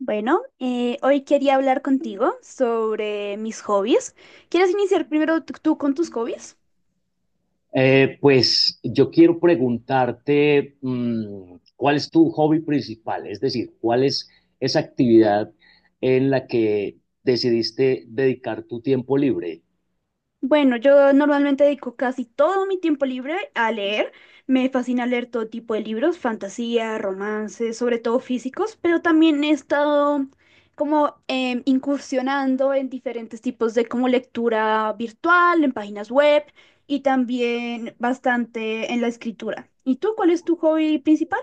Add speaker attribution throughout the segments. Speaker 1: Bueno, hoy quería hablar contigo sobre mis hobbies. ¿Quieres iniciar primero tú con tus hobbies?
Speaker 2: Pues yo quiero preguntarte cuál es tu hobby principal, es decir, cuál es esa actividad en la que decidiste dedicar tu tiempo libre.
Speaker 1: Bueno, yo normalmente dedico casi todo mi tiempo libre a leer. Me fascina leer todo tipo de libros, fantasía, romances, sobre todo físicos, pero también he estado como incursionando en diferentes tipos de como lectura virtual, en páginas web y también bastante en la escritura. ¿Y tú cuál es tu hobby principal?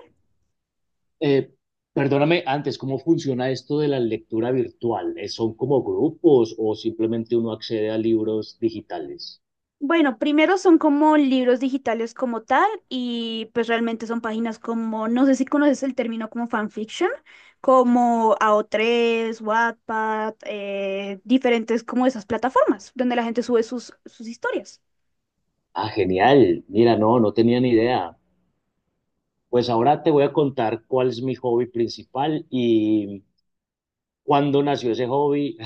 Speaker 2: Eh, Perdóname antes, ¿cómo funciona esto de la lectura virtual? ¿Son como grupos o simplemente uno accede a libros digitales?
Speaker 1: Bueno, primero son como libros digitales como tal y pues realmente son páginas como, no sé si conoces el término como fanfiction, como AO3, Wattpad, diferentes como esas plataformas donde la gente sube sus historias.
Speaker 2: Ah, genial. Mira, no, no tenía ni idea. Pues ahora te voy a contar cuál es mi hobby principal y cuándo nació ese hobby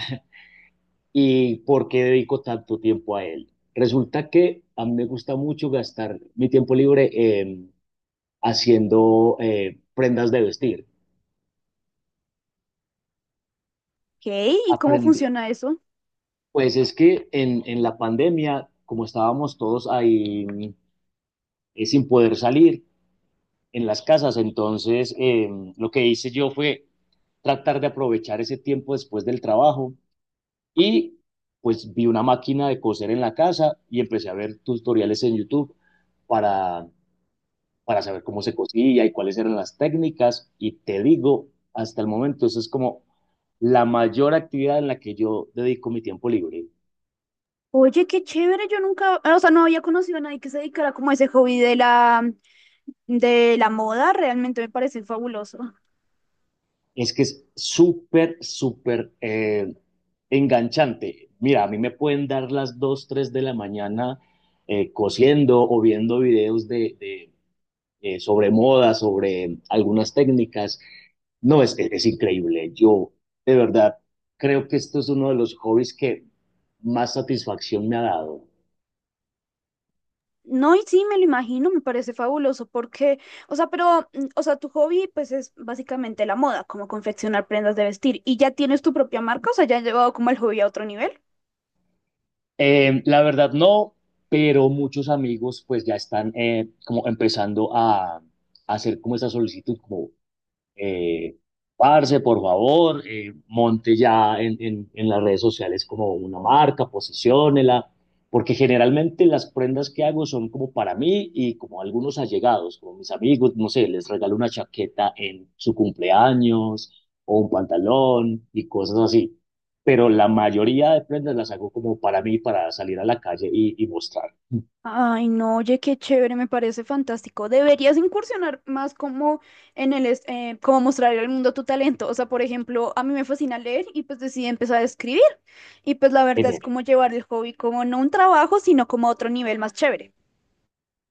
Speaker 2: y por qué dedico tanto tiempo a él. Resulta que a mí me gusta mucho gastar mi tiempo libre haciendo prendas de vestir.
Speaker 1: Ok, ¿y cómo
Speaker 2: Aprendí.
Speaker 1: funciona eso?
Speaker 2: Pues es que en la pandemia, como estábamos todos ahí sin poder salir en las casas, entonces lo que hice yo fue tratar de aprovechar ese tiempo después del trabajo y pues vi una máquina de coser en la casa y empecé a ver tutoriales en YouTube para para saber cómo se cosía y cuáles eran las técnicas. Y te digo, hasta el momento, eso es como la mayor actividad en la que yo dedico mi tiempo libre.
Speaker 1: Oye, qué chévere, yo nunca, ah, o sea, no había conocido a nadie que se dedicara como a ese hobby de de la moda, realmente me parece fabuloso.
Speaker 2: Es que es súper, súper enganchante. Mira, a mí me pueden dar las 2 3 de la mañana cosiendo o viendo videos de sobre moda, sobre algunas técnicas. No, es increíble. Yo, de verdad, creo que esto es uno de los hobbies que más satisfacción me ha dado.
Speaker 1: No, y sí, me lo imagino, me parece fabuloso porque, o sea, pero, o sea, tu hobby pues es básicamente la moda, como confeccionar prendas de vestir. ¿Y ya tienes tu propia marca? O sea, ¿ya has llevado como el hobby a otro nivel?
Speaker 2: La verdad no, pero muchos amigos pues ya están como empezando a hacer como esa solicitud, como Eh, parce, por favor, monte ya en las redes sociales como una marca, posiciónela, porque generalmente las prendas que hago son como para mí y como algunos allegados, como mis amigos, no sé, les regalo una chaqueta en su cumpleaños o un pantalón y cosas así. Pero la mayoría de prendas las hago como para mí, para salir a la calle y mostrar.
Speaker 1: Ay, no, oye, qué chévere, me parece fantástico. Deberías incursionar más como en como mostrar al mundo tu talento. O sea, por ejemplo, a mí me fascina leer y pues decidí empezar a escribir. Y pues la verdad es
Speaker 2: Genial.
Speaker 1: como llevar el hobby como no un trabajo, sino como a otro nivel más chévere.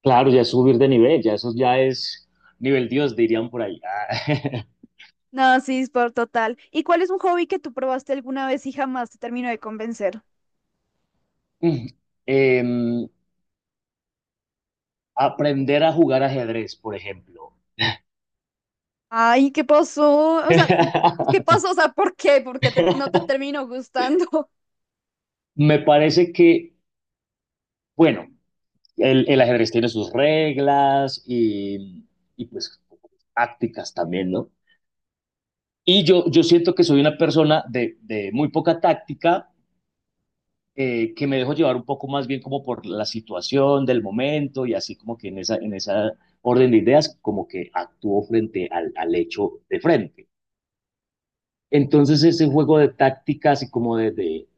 Speaker 2: Claro, ya es subir de nivel, ya eso ya es nivel Dios, dirían por ahí.
Speaker 1: No, sí, es por total. ¿Y cuál es un hobby que tú probaste alguna vez y jamás te terminó de convencer?
Speaker 2: Mm, em, aprender a jugar ajedrez, por ejemplo.
Speaker 1: Ay, ¿qué pasó? O sea, ¿qué pasó? O sea, ¿por qué? ¿No te terminó gustando?
Speaker 2: Me parece que, bueno, el ajedrez tiene sus reglas y, pues tácticas también, ¿no? Y yo siento que soy una persona de muy poca táctica, que me dejo llevar un poco más bien como por la situación del momento y así como que en esa orden de ideas, como que actúo frente al, al hecho de frente. Entonces ese juego de tácticas y como de, de,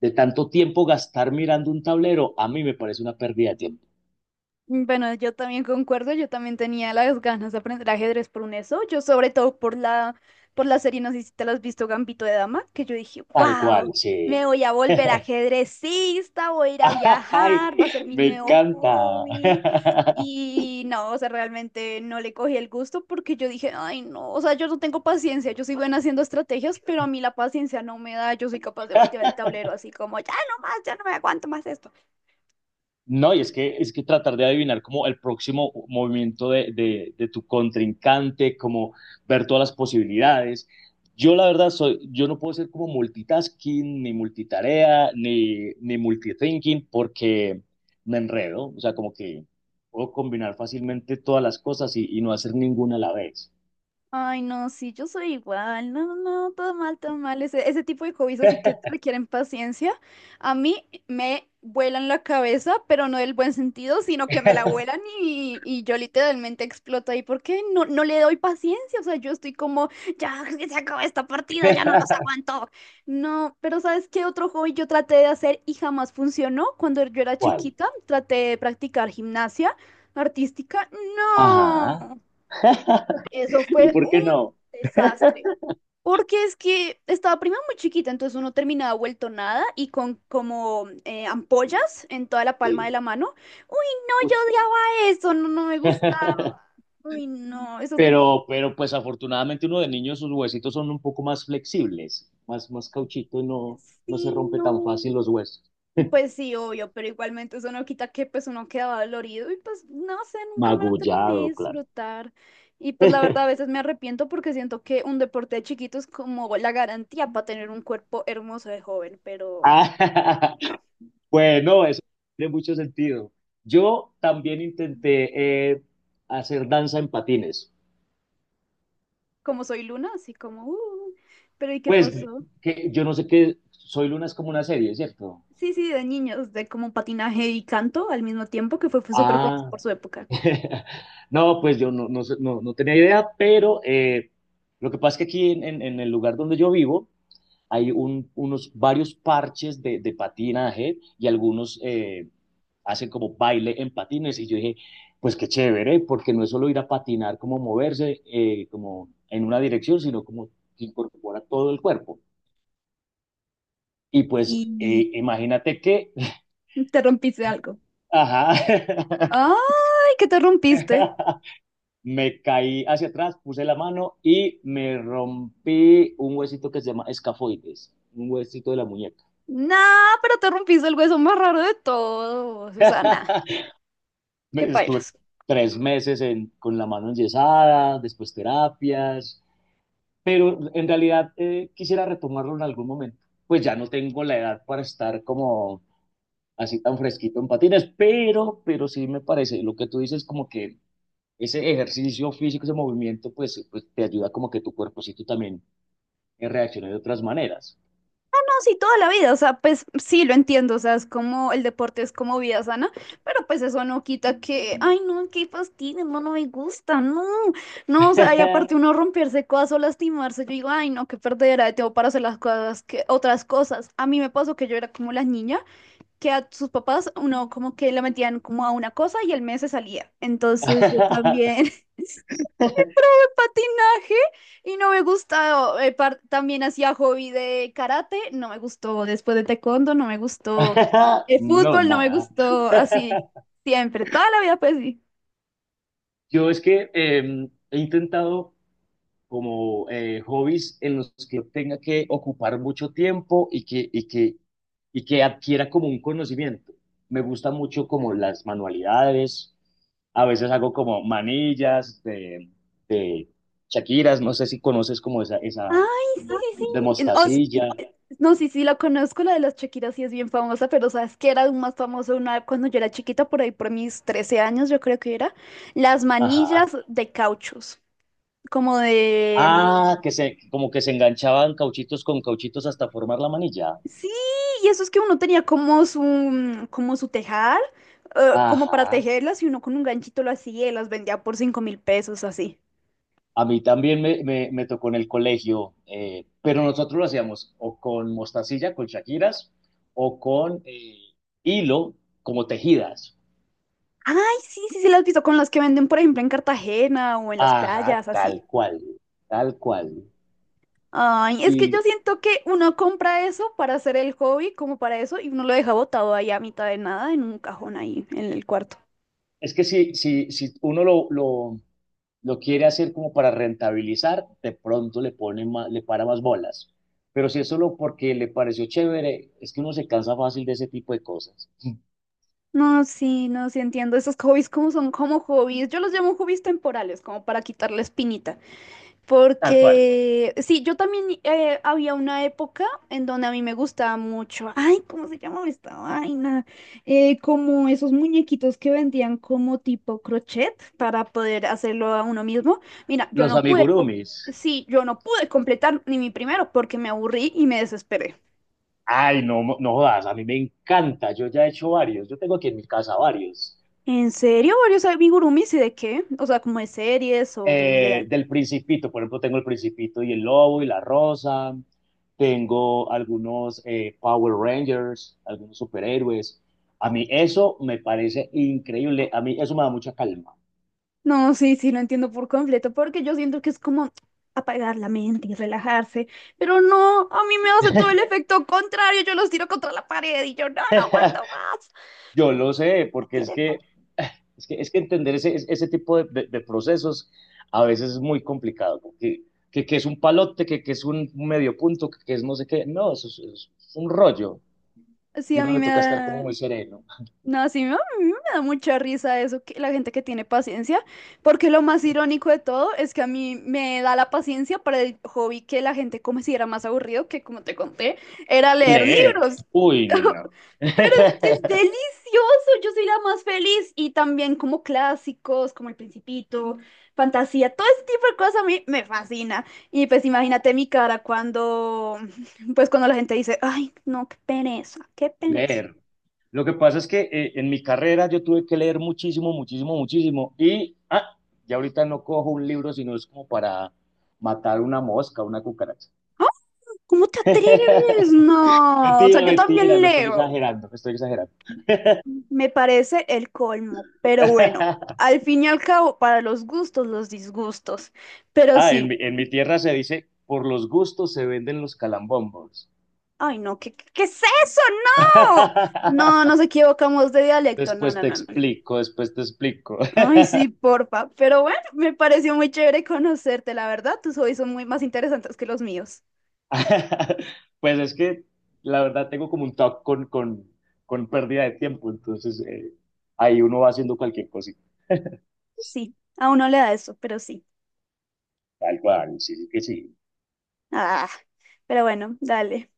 Speaker 2: de tanto tiempo gastar mirando un tablero, a mí me parece una pérdida de tiempo.
Speaker 1: Bueno, yo también concuerdo, yo también tenía las ganas de aprender ajedrez por un eso, yo sobre todo por por la serie, no sé si te la has visto, Gambito de Dama, que yo dije,
Speaker 2: Tal cual,
Speaker 1: wow,
Speaker 2: sí.
Speaker 1: me voy a volver ajedrecista, voy a ir a
Speaker 2: Ay,
Speaker 1: viajar, va a ser mi
Speaker 2: me
Speaker 1: nuevo
Speaker 2: encanta.
Speaker 1: hobby. Y no, o sea, realmente no le cogí el gusto porque yo dije, ay, no, o sea, yo no tengo paciencia, yo soy buena haciendo estrategias, pero a mí la paciencia no me da, yo soy capaz de voltear el tablero así como, ya no más, ya no me aguanto más esto.
Speaker 2: No, y es que tratar de adivinar como el próximo movimiento de tu contrincante, como ver todas las posibilidades. Yo la verdad soy, yo no puedo ser como multitasking, ni multitarea, ni, ni multithinking, porque me enredo. O sea, como que puedo combinar fácilmente todas las cosas y no hacer ninguna a la vez.
Speaker 1: Ay, no, sí, yo soy igual. No, no, todo mal, todo mal. Ese tipo de hobbies así que requieren paciencia. A mí me vuelan la cabeza, pero no del buen sentido, sino que me la vuelan y yo literalmente exploto ahí porque no le doy paciencia. O sea, yo estoy como, ya que se acaba esta partida, ya no los aguanto. No, pero ¿sabes qué otro hobby yo traté de hacer y jamás funcionó? Cuando yo era
Speaker 2: ¿Cuál?
Speaker 1: chiquita, traté de practicar gimnasia artística. No.
Speaker 2: Ajá.
Speaker 1: Eso
Speaker 2: ¿Y
Speaker 1: fue
Speaker 2: por qué
Speaker 1: un
Speaker 2: no?
Speaker 1: desastre. Porque es que estaba prima muy chiquita, entonces uno terminaba vuelto nada y con como ampollas en toda la palma de
Speaker 2: Sí.
Speaker 1: la mano. Uy, no, yo
Speaker 2: Uy.
Speaker 1: odiaba eso, no, no me gustaba. Uy, no, esos deportes,
Speaker 2: Pero pues afortunadamente uno de niño sus huesitos son un poco más flexibles, más, más cauchito y no, no se
Speaker 1: sí,
Speaker 2: rompe
Speaker 1: no.
Speaker 2: tan fácil los huesos.
Speaker 1: Pues sí, obvio, pero igualmente eso no quita que pues uno quedaba dolorido y pues no sé, nunca me lo terminé de
Speaker 2: Magullado, claro.
Speaker 1: disfrutar. Y pues la verdad a veces me arrepiento porque siento que un deporte de chiquito es como la garantía para tener un cuerpo hermoso de joven, pero
Speaker 2: Ah,
Speaker 1: ah,
Speaker 2: bueno, eso tiene mucho sentido. Yo también intenté hacer danza en patines.
Speaker 1: como soy Luna, así como, pero ¿y qué
Speaker 2: Pues
Speaker 1: pasó?
Speaker 2: que yo no sé qué, Soy Luna es como una serie, ¿cierto?
Speaker 1: Sí, sí, de niños, de como patinaje y canto al mismo tiempo, que fue, fue súper famoso
Speaker 2: Ah,
Speaker 1: por su época.
Speaker 2: no, pues yo no tenía idea, pero lo que pasa es que aquí en el lugar donde yo vivo, hay unos varios parches de patinaje y algunos hacen como baile en patines. Y yo dije, pues qué chévere, porque no es solo ir a patinar, como moverse como en una dirección, sino como que incorpora todo el cuerpo. Y
Speaker 1: Y
Speaker 2: pues imagínate que,
Speaker 1: te rompiste algo.
Speaker 2: ajá,
Speaker 1: ¡Ay, que te rompiste!
Speaker 2: me caí hacia atrás, puse la mano y me rompí un huesito que se llama escafoides, un huesito de la muñeca.
Speaker 1: Nah, pero te rompiste el hueso más raro de todo, Susana. Qué
Speaker 2: Estuve
Speaker 1: pailas.
Speaker 2: tres meses con la mano enyesada, después terapias, pero en realidad quisiera retomarlo en algún momento. Pues ya no tengo la edad para estar como así tan fresquito en patines, pero sí me parece, lo que tú dices como que ese ejercicio físico, ese movimiento, pues, pues te ayuda como que tu cuerpocito también reaccione de otras maneras.
Speaker 1: Ah, no, sí, toda la vida, o sea, pues sí, lo entiendo, o sea, es como el deporte es como vida sana, pero pues eso no quita que, ay, no, qué fastidio, no, no me gusta, no, no, o sea, y aparte uno romperse cosas o lastimarse, yo digo, ay, no, qué perdera de tiempo para hacer las cosas, que otras cosas. A mí me pasó que yo era como la niña que a sus papás uno como que la metían como a una cosa y el mes se salía, entonces yo también. Patinaje y no me gustó. También hacía hobby de karate, no me gustó. Después de taekwondo, no me gustó. El
Speaker 2: No,
Speaker 1: fútbol, no me
Speaker 2: nada.
Speaker 1: gustó. Así, siempre, toda la vida, pues sí.
Speaker 2: Yo es que he intentado como hobbies en los que tenga que ocupar mucho tiempo y que adquiera como un conocimiento. Me gusta mucho como las manualidades, a veces hago como manillas de Shakiras, no sé si conoces como esa
Speaker 1: Ay, sí, sí,
Speaker 2: de
Speaker 1: sí.
Speaker 2: mostacilla,
Speaker 1: Eh, No, sí, sí, la conozco, la de las Shakira sí es bien famosa, pero sabes que era aún más famoso una cuando yo era chiquita, por ahí por mis 13 años, yo creo que era, las
Speaker 2: ajá.
Speaker 1: manillas de cauchos, como de
Speaker 2: Ah, que se, como que se enganchaban cauchitos con cauchitos hasta formar la manilla.
Speaker 1: sí, y eso es que uno tenía como su tejar, como para
Speaker 2: Ajá.
Speaker 1: tejerlas, y uno con un ganchito lo hacía y las vendía por 5000 pesos, así.
Speaker 2: A mí también me tocó en el colegio, pero nosotros lo hacíamos o con mostacilla, con shakiras, o con hilo, como tejidas.
Speaker 1: Ay, sí, sí, sí, las he visto con las que venden, por ejemplo, en Cartagena o en las
Speaker 2: Ajá,
Speaker 1: playas, así.
Speaker 2: tal cual, tal cual.
Speaker 1: Ay, es que yo
Speaker 2: Y
Speaker 1: siento que uno compra eso para hacer el hobby, como para eso, y uno lo deja botado ahí a mitad de nada en un cajón ahí en el cuarto.
Speaker 2: es que si uno lo quiere hacer como para rentabilizar, de pronto le pone le para más bolas. Pero si es solo porque le pareció chévere, es que uno se cansa fácil de ese tipo de cosas.
Speaker 1: No, sí, no, sí entiendo. Esos hobbies como son como hobbies. Yo los llamo hobbies temporales, como para quitar la espinita.
Speaker 2: Tal cual.
Speaker 1: Porque, sí, yo también había una época en donde a mí me gustaba mucho, ay, ¿cómo se llamaba esta vaina? Como esos muñequitos que vendían como tipo crochet para poder hacerlo a uno mismo. Mira, yo
Speaker 2: Los
Speaker 1: no pude, com-
Speaker 2: amigurumis.
Speaker 1: sí, yo no pude completar ni mi primero porque me aburrí y me desesperé.
Speaker 2: Ay, no, no jodas, a mí me encanta, yo ya he hecho varios, yo tengo aquí en mi casa varios.
Speaker 1: ¿En serio? ¿Varios amigurumis y de qué? O sea, como de series o de
Speaker 2: Del Principito, por ejemplo, tengo el Principito y el Lobo y la Rosa, tengo algunos Power Rangers, algunos superhéroes. A mí eso me parece increíble, a mí eso me da mucha calma.
Speaker 1: no, sí, sí, lo entiendo por completo, porque yo siento que es como apagar la mente y relajarse, pero no, a mí me hace todo el efecto contrario, yo los tiro contra la pared y yo no, no aguanto más,
Speaker 2: Yo lo sé, porque es
Speaker 1: ¿quieren paz?
Speaker 2: que, es que entender ese tipo de procesos a veces es muy complicado, porque que es un palote, que es un medio punto, que es no sé qué, no, eso es un rollo,
Speaker 1: Sí,
Speaker 2: y
Speaker 1: a
Speaker 2: uno
Speaker 1: mí
Speaker 2: le
Speaker 1: me
Speaker 2: toca estar como
Speaker 1: da,
Speaker 2: muy sereno.
Speaker 1: no, sí, a mí me da mucha risa eso, que la gente que tiene paciencia, porque lo más irónico de todo es que a mí me da la paciencia para el hobby que la gente considera más aburrido, que como te conté, era leer
Speaker 2: Leer,
Speaker 1: libros.
Speaker 2: uy, no.
Speaker 1: Pero es que es delicioso, yo soy la más feliz. Y también como clásicos, como El Principito, Fantasía, todo ese tipo de cosas a mí me fascina. Y pues imagínate mi cara cuando, pues cuando la gente dice, ay, no, qué pereza, qué pereza.
Speaker 2: Leer. Lo que pasa es que en mi carrera yo tuve que leer muchísimo, muchísimo, muchísimo, y ya ahorita no cojo un libro, sino es como para matar una mosca, una cucaracha.
Speaker 1: ¿Cómo te atreves? No, o sea,
Speaker 2: Mentira,
Speaker 1: yo
Speaker 2: mentira,
Speaker 1: también
Speaker 2: no estoy
Speaker 1: leo.
Speaker 2: exagerando, no estoy exagerando.
Speaker 1: Me parece el colmo, pero bueno, al fin y al cabo, para los gustos, los disgustos. Pero
Speaker 2: Ah, en
Speaker 1: sí,
Speaker 2: mi, en mi tierra se dice, por los gustos se venden los calambombos.
Speaker 1: ay no, ¿qué, qué es eso? No, no, nos equivocamos de dialecto, no,
Speaker 2: Después
Speaker 1: no,
Speaker 2: te
Speaker 1: no, no. no.
Speaker 2: explico, después te explico.
Speaker 1: Ay, sí, porfa, pero bueno, me pareció muy chévere conocerte, la verdad, tus hobbies son muy más interesantes que los míos.
Speaker 2: Pues es que la verdad tengo como un talk con pérdida de tiempo, entonces ahí uno va haciendo cualquier cosita.
Speaker 1: Sí, a uno le da eso, pero sí.
Speaker 2: Tal cual, sí, que sí.
Speaker 1: Ah, pero bueno, dale.